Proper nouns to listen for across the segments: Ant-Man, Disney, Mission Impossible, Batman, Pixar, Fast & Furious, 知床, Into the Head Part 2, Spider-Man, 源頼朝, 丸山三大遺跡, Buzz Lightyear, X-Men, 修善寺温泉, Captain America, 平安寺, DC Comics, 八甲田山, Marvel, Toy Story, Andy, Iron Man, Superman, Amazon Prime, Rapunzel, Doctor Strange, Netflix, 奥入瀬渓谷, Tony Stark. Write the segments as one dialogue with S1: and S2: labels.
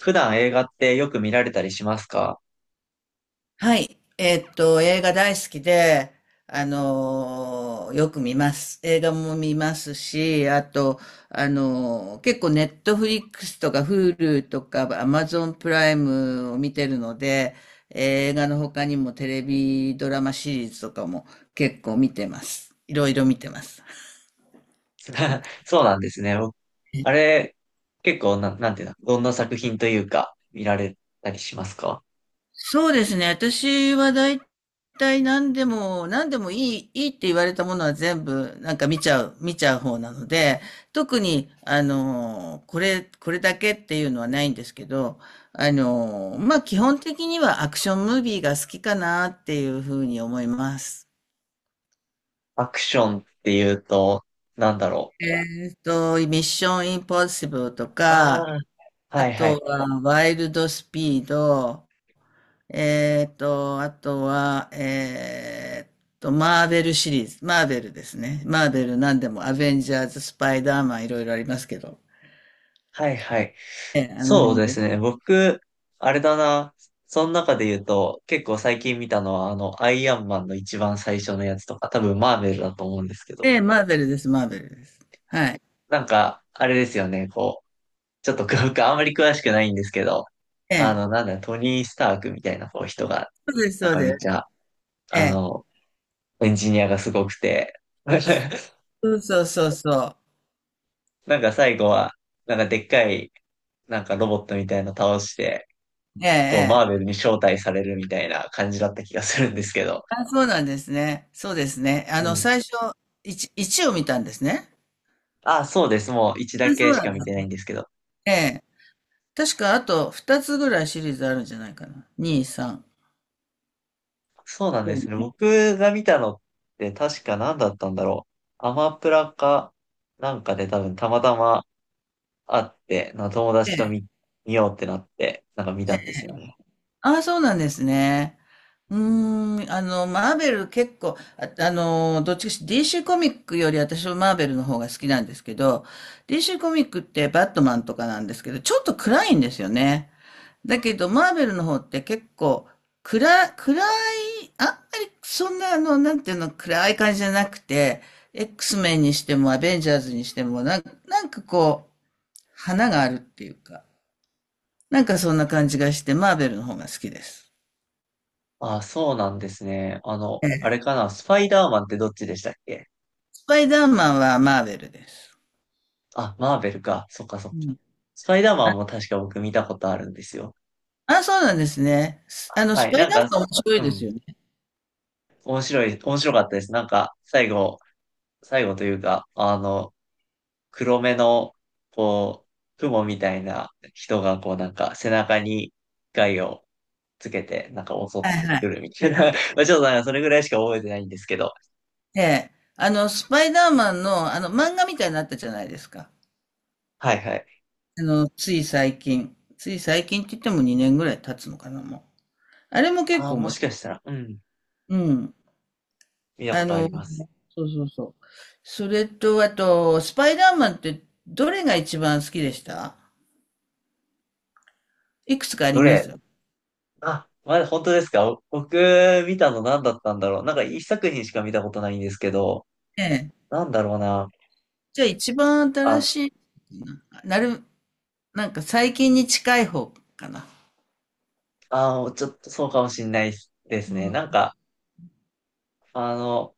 S1: 普段映画ってよく見られたりしますか？
S2: はい。映画大好きで、よく見ます。映画も見ますし、あと、結構ネットフリックスとか Hulu とか Amazon プライムを見てるので、映画の他にもテレビドラマシリーズとかも結構見てます。いろいろ見てます。
S1: そうなんですね。僕あれ、結構な、なんていうの、どんな作品というか、見られたりしますか？
S2: そうですね。私は大体何でもいいって言われたものは全部なんか見ちゃう方なので、特に、これだけっていうのはないんですけど、まあ、基本的にはアクションムービーが好きかなっていうふうに思います。
S1: アクションっていうと、なんだろう。
S2: ミッションインポッシブルと
S1: あ
S2: か、
S1: あ、
S2: あ
S1: はいは
S2: と
S1: い。
S2: はワイルドスピード、あとは、マーベルシリーズ。マーベルですね。マーベル何でも、アベンジャーズ、スパイダーマン、いろいろありますけど。
S1: はいはい。
S2: ええ、あの
S1: そう
S2: 辺
S1: で
S2: で。
S1: すね。僕、あれだな。その中で言うと、結構最近見たのは、あの、アイアンマンの一番最初のやつとか、多分マーベルだと思うんですけど、
S2: ええ、マーベルです、マーベルです。はい。
S1: なんか、あれですよね、こう、ちょっと僕あんまり詳しくないんですけど、
S2: え
S1: あの、
S2: え、
S1: なんだ、トニー・スタークみたいなこう人が、
S2: そうです、
S1: なん
S2: そう
S1: か
S2: で
S1: めっ
S2: す。
S1: ちゃ、
S2: え
S1: あ
S2: え、
S1: の、エンジニアがすごくて、
S2: そうそうそうそう。
S1: なんか最後は、なんかでっかい、なんかロボットみたいなの倒して、
S2: ええ、
S1: こう、マ
S2: え
S1: ーベ
S2: え。
S1: ルに招待されるみたいな感じだった気がするんですけど。
S2: あ、そうなんですね。そうですね。
S1: うん。
S2: 最初、1、一を見たんですね。
S1: あ、そうです。もう一だ
S2: あ、
S1: け
S2: そう
S1: し
S2: な
S1: か
S2: ん
S1: 見
S2: だ。
S1: てないんですけど。
S2: ええ。確か、あと2つぐらいシリーズあるんじゃないかな。2、3。
S1: そうなん
S2: そ
S1: で
S2: う
S1: すね。
S2: ね。
S1: 僕が見たのって確か何だったんだろう。アマプラかなんかで多分たまたまあって、なんか友達と見ようってなって、なんか見たんですよね。
S2: ああ、そうなんですね。うーん、マーベル結構、あ、どっちかし DC コミックより私はマーベルの方が好きなんですけど、DC コミックってバットマンとかなんですけど、ちょっと暗いんですよね。だけど、マーベルの方って結構、暗、暗い、あんまりそんななんていうの、暗い感じじゃなくて、X メンにしてもアベンジャーズにしても、なんかこう、花があるっていうか、なんかそんな感じがして、マーベルの方が好きです。
S1: あ、そうなんですね。あの、あれかな、スパイダーマンってどっちでしたっけ？
S2: スパイダーマンはマーベルです。
S1: あ、マーベルか。そっかそっ
S2: う
S1: か。
S2: ん。
S1: スパイダーマン
S2: あ、
S1: も確か僕見たことあるんですよ。
S2: あ、そうなんですね。すあの、
S1: は
S2: ス
S1: い、
S2: パイ
S1: なん
S2: ダー
S1: か、
S2: マン面白い
S1: う
S2: です
S1: ん、
S2: よね。
S1: 面白かったです。なんか、最後というか、あの、黒目の、こう、雲みたいな人が、こうなんか背中に害をつけて、なんか襲っ
S2: はい
S1: て
S2: は
S1: く
S2: い。
S1: るみたいな。まあちょっとなんかそれぐらいしか覚えてないんですけど。
S2: ええ。スパイダーマンの、漫画みたいになったじゃないですか。
S1: はいはい。
S2: つい最近。つい最近って言っても2年ぐらい経つのかな、もう。あれも結
S1: あ
S2: 構
S1: あ、も
S2: 面
S1: し
S2: 白い。
S1: かしたら、うん、
S2: うん。
S1: 見たこ
S2: あ
S1: とあり
S2: の、
S1: ます。
S2: そうそうそう。それと、あと、スパイダーマンってどれが一番好きでした？いくつかあり
S1: ど
S2: ま
S1: れ？
S2: すよ。
S1: あ、まだ本当ですか？僕、見たの何だったんだろう。なんか一作品しか見たことないんですけど、
S2: ええ。
S1: なんだろうな。
S2: じゃあ一番新
S1: あ、
S2: しいな、なる、なんか最近に近い方かな。
S1: ちょっとそうかもしんないです
S2: う
S1: ね。
S2: ん。
S1: なんか、あの、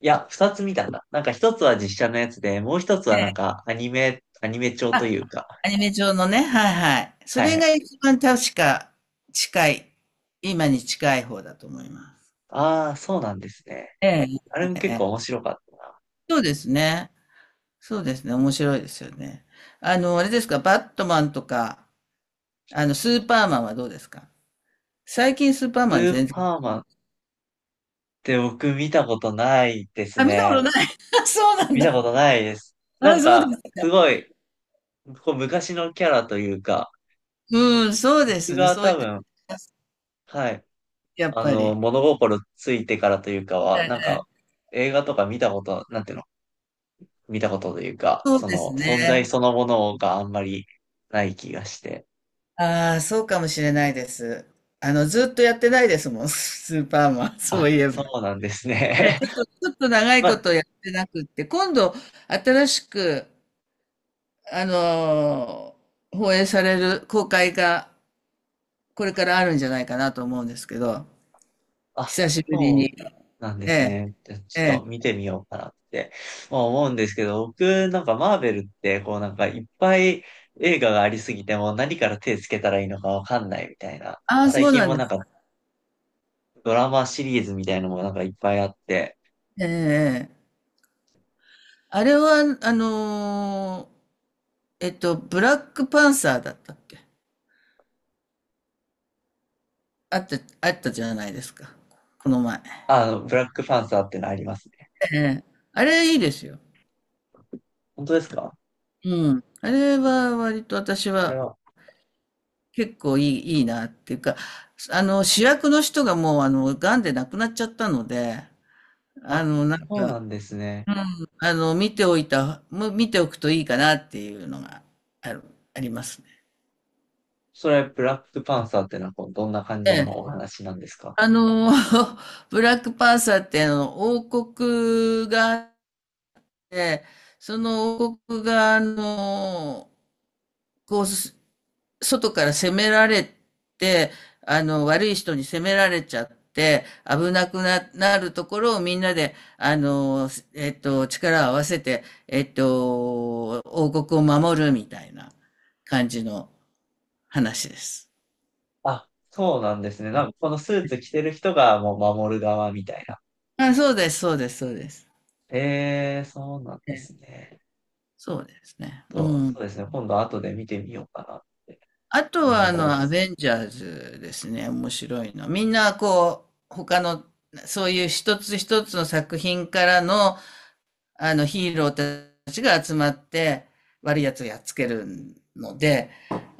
S1: いや、二つ見たんだ。なんか一つは実写のやつで、もう一つはなん
S2: で、
S1: かアニメ調と
S2: あ、
S1: いうか。
S2: アニメ上のね、はいはい。そ
S1: はい
S2: れ
S1: はい。
S2: が一番確か近い、今に近い方だと思います。
S1: ああ、そうなんですね。
S2: ええ、
S1: あれも
S2: え
S1: 結
S2: え、
S1: 構面白かった。
S2: そうですね。そうですね。面白いですよね。あれですか、バットマンとか、スーパーマンはどうですか？最近スーパー
S1: ス
S2: マン
S1: ー
S2: 全然。
S1: パーマンって僕見たことないです
S2: あ、見たこ
S1: ね。
S2: とない。そうなん
S1: 見
S2: だ。
S1: たことないです。なん
S2: あ、そう
S1: か、
S2: です。
S1: すごい、こう昔のキャラというか、
S2: うん、そうで
S1: 僕
S2: すね。
S1: が
S2: そういう
S1: 多
S2: 時、
S1: 分、はい、
S2: やっ
S1: あ
S2: ぱ
S1: の、
S2: り。
S1: 物心ついてからというかは、なんか、映画とか見たこと、なんていうの、見たことというか、
S2: そう
S1: そ
S2: です
S1: の、存在そ
S2: ね。
S1: のものがあんまりない気がして。
S2: ああ、そうかもしれないです。ずっとやってないですもん、スーパーマン、そうい
S1: あ、
S2: え
S1: そ
S2: ば。
S1: うなんです
S2: ち
S1: ね。
S2: ょっと、ちょっ と長い
S1: ま
S2: こ
S1: あ、
S2: とやってなくって、今度、新しく、あのー放映される公開が、これからあるんじゃないかなと思うんですけど、
S1: あ、
S2: 久しぶり
S1: そう
S2: に。
S1: なんで
S2: え
S1: す
S2: え。
S1: ね。ちょっと見てみようかなってまあ思うんですけど、僕なんかマーベルってこうなんかいっぱい映画がありすぎてもう何から手つけたらいいのかわかんないみたいな。なん
S2: あ
S1: か
S2: あ、
S1: 最
S2: そう
S1: 近
S2: なん
S1: も
S2: で
S1: なん
S2: す。
S1: かドラマシリーズみたいのもなんかいっぱいあって、
S2: ええ、ええ。あれは、ブラックパンサーだったっけ？あったじゃないですか、この前。
S1: あの、ブラックパンサーってのありますね。
S2: ええ。あれいいですよ。
S1: 本当ですか？
S2: うん。あれは割と私
S1: あれ
S2: は
S1: は。
S2: 結構いいなっていうか、主役の人がもう癌で亡くなっちゃったので、
S1: あ、
S2: なん
S1: そう
S2: か、
S1: なんですね。
S2: うん、見ておくといいかなっていうのがある、ありますね。
S1: それ、ブラックパンサーってのはこうどんな感
S2: え
S1: じのお
S2: え。
S1: 話なんですか？
S2: あの、ブラックパンサーって王国があって、その王国がこう、外から攻められて、悪い人に攻められちゃって、危なくな、なるところをみんなで、力を合わせて、王国を守るみたいな感じの話です。
S1: あ、そうなんですね。なんかこのスーツ着てる人がもう守る側みたいな。
S2: あ、そうです、そうです、そうです。
S1: ええ、そうなんで
S2: え
S1: すね。
S2: そうですね。う
S1: と、そ
S2: ん。
S1: うですね。今度後で見てみようかなと
S2: あと
S1: 思
S2: は、
S1: いま
S2: ア
S1: す。
S2: ベンジャーズですね。面白いの。みんな、こう、他の、そういう一つ一つの作品からの、あのヒーローたちが集まって悪いやつをやっつけるので、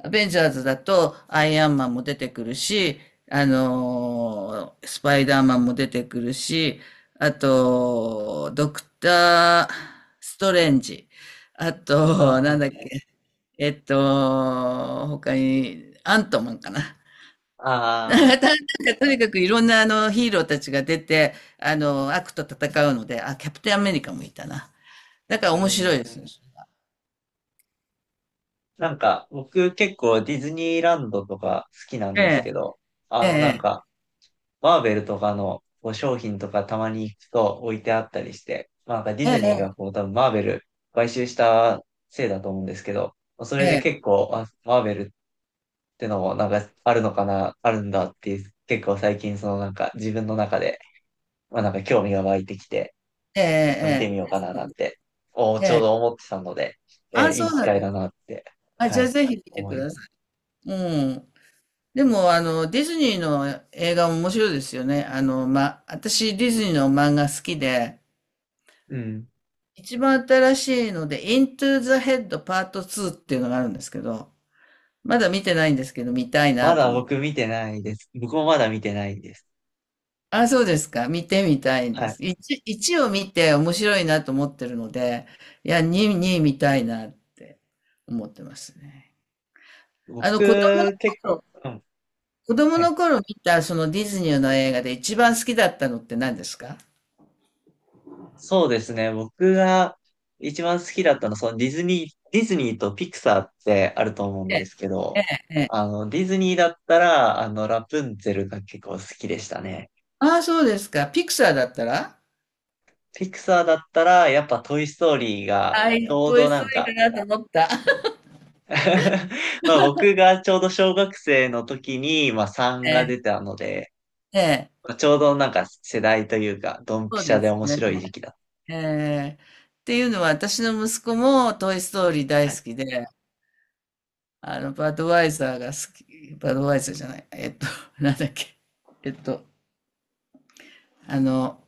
S2: アベンジャーズだとアイアンマンも出てくるし、スパイダーマンも出てくるし、あと、ドクター・ストレンジ。あと、なん
S1: あ
S2: だっけ、他に、アントマンかな。
S1: あ、あ
S2: な
S1: あ、
S2: んかとにかくいろんなあのヒーローたちが出て、悪と戦うので、あ、キャプテンアメリカもいたな。だから
S1: う
S2: 面白い
S1: ん。
S2: です。
S1: なんか、僕結構ディズニーランドとか好きなん
S2: え
S1: です
S2: え、
S1: けど、あ
S2: え
S1: の
S2: え、
S1: なんか、マーベルとかのこう商品とかたまに行くと置いてあったりして、まあなんかディ
S2: え
S1: ズニー
S2: え、
S1: がこう多分マーベル買収したせいだと思うんですけど、それ
S2: え
S1: で結
S2: え、
S1: 構、あ、マーベルってのもなんかあるのかな、あるんだっていう、結構最近そのなんか自分の中でまあなんか興味が湧いてきて、
S2: ええ、
S1: ちょっと見て
S2: え
S1: みよ
S2: え、
S1: うかななんて、ち
S2: え
S1: ょう
S2: え。
S1: ど思ってたので、
S2: あ、
S1: い
S2: そ
S1: い
S2: う
S1: 機
S2: なん
S1: 会
S2: です。
S1: だなって、
S2: あ、じ
S1: は
S2: ゃあ
S1: い、
S2: ぜひ見て
S1: 思
S2: く
S1: いま
S2: ださ
S1: す。
S2: い。うん。でも、ディズニーの映画も面白いですよね。ま、私、ディズニーの漫画好きで、
S1: うん。
S2: 一番新しいので、Into the Head Part 2っていうのがあるんですけど、まだ見てないんですけど、見たい
S1: ま
S2: なと
S1: だ
S2: 思って。
S1: 僕見てないです。僕もまだ見てないです。
S2: あ、そうですか。見てみたいん
S1: は
S2: で
S1: い。
S2: す。1を見て面白いなと思ってるので、いや、2、に見たいなって思ってますね。あの、子供の
S1: 僕、結
S2: 頃、
S1: 構、うん、
S2: 子供
S1: はい。
S2: の頃見たそのディズニーの映画で一番好きだったのって何ですか？
S1: そうですね。僕が一番好きだったのは、そのディズニーとピクサーってあると思うんで
S2: え
S1: すけど、あの、ディズニーだったら、あの、ラプンツェルが結構好きでしたね。
S2: ああ、そうですか。ピクサーだったら？
S1: ピクサーだったら、やっぱトイストーリーが、
S2: は
S1: ち
S2: い、
S1: ょう
S2: ト
S1: ど
S2: イス
S1: な
S2: ト
S1: ん
S2: ーリー
S1: か。
S2: かなと思った。
S1: まあ僕がちょうど小学生の時に、まあ3
S2: え
S1: が
S2: え、
S1: 出たので、
S2: ええ。
S1: まあちょうどなんか世代というか、ドン
S2: そ
S1: ピ
S2: う
S1: シャ
S2: で
S1: で
S2: す
S1: 面
S2: ね。
S1: 白い時期だっ
S2: ええ、っていうのは私の息子もトイストーリー
S1: た。
S2: 大
S1: は
S2: 好
S1: い。
S2: きで、バドワイザーが好き、バドワイザーじゃない、なんだっけ、えっと、あの、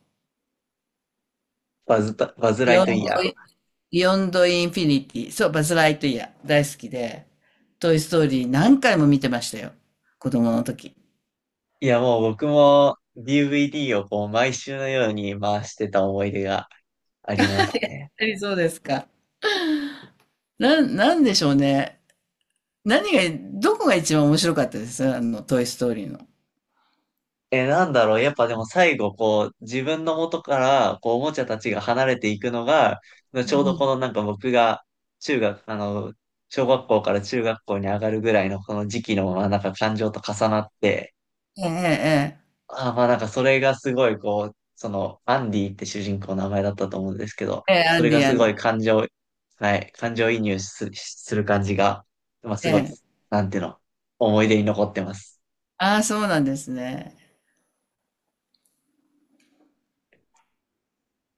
S1: バズライ
S2: ヨン
S1: ト
S2: ド
S1: イ
S2: 度
S1: ヤー。
S2: ヨンドインフィニティ、そう、バズ・ライトイヤー、大好きで、トイ・ストーリー何回も見てましたよ、子供の時。やっ
S1: いやもう僕も DVD をこう毎週のように回してた思い出がありますね。
S2: ぱりそうですか。なんでしょうね。何が、どこが一番面白かったです？あの、トイ・ストーリーの。
S1: え、なんだろう。やっぱでも最後、こう、自分の元から、こう、おもちゃたちが離れていくのが、
S2: う
S1: ちょうどこ
S2: ん。
S1: のなんか僕が、中学、あの、小学校から中学校に上がるぐらいのこの時期の、まあなんか感情と重なって、
S2: ええ、
S1: ああまあなんかそれがすごい、こう、その、アンディって主人公の名前だったと思うんですけど、
S2: ええ、ええ、ええ。ア
S1: そ
S2: ン
S1: れ
S2: デ
S1: が
S2: ィ、ア
S1: す
S2: ンデ
S1: ごい
S2: ィ。
S1: 感情、はい、感情移入す、する感じが、まあす
S2: え
S1: ごい、
S2: え、
S1: なんていうの、思い出に残ってます。
S2: ああ、そうなんですね。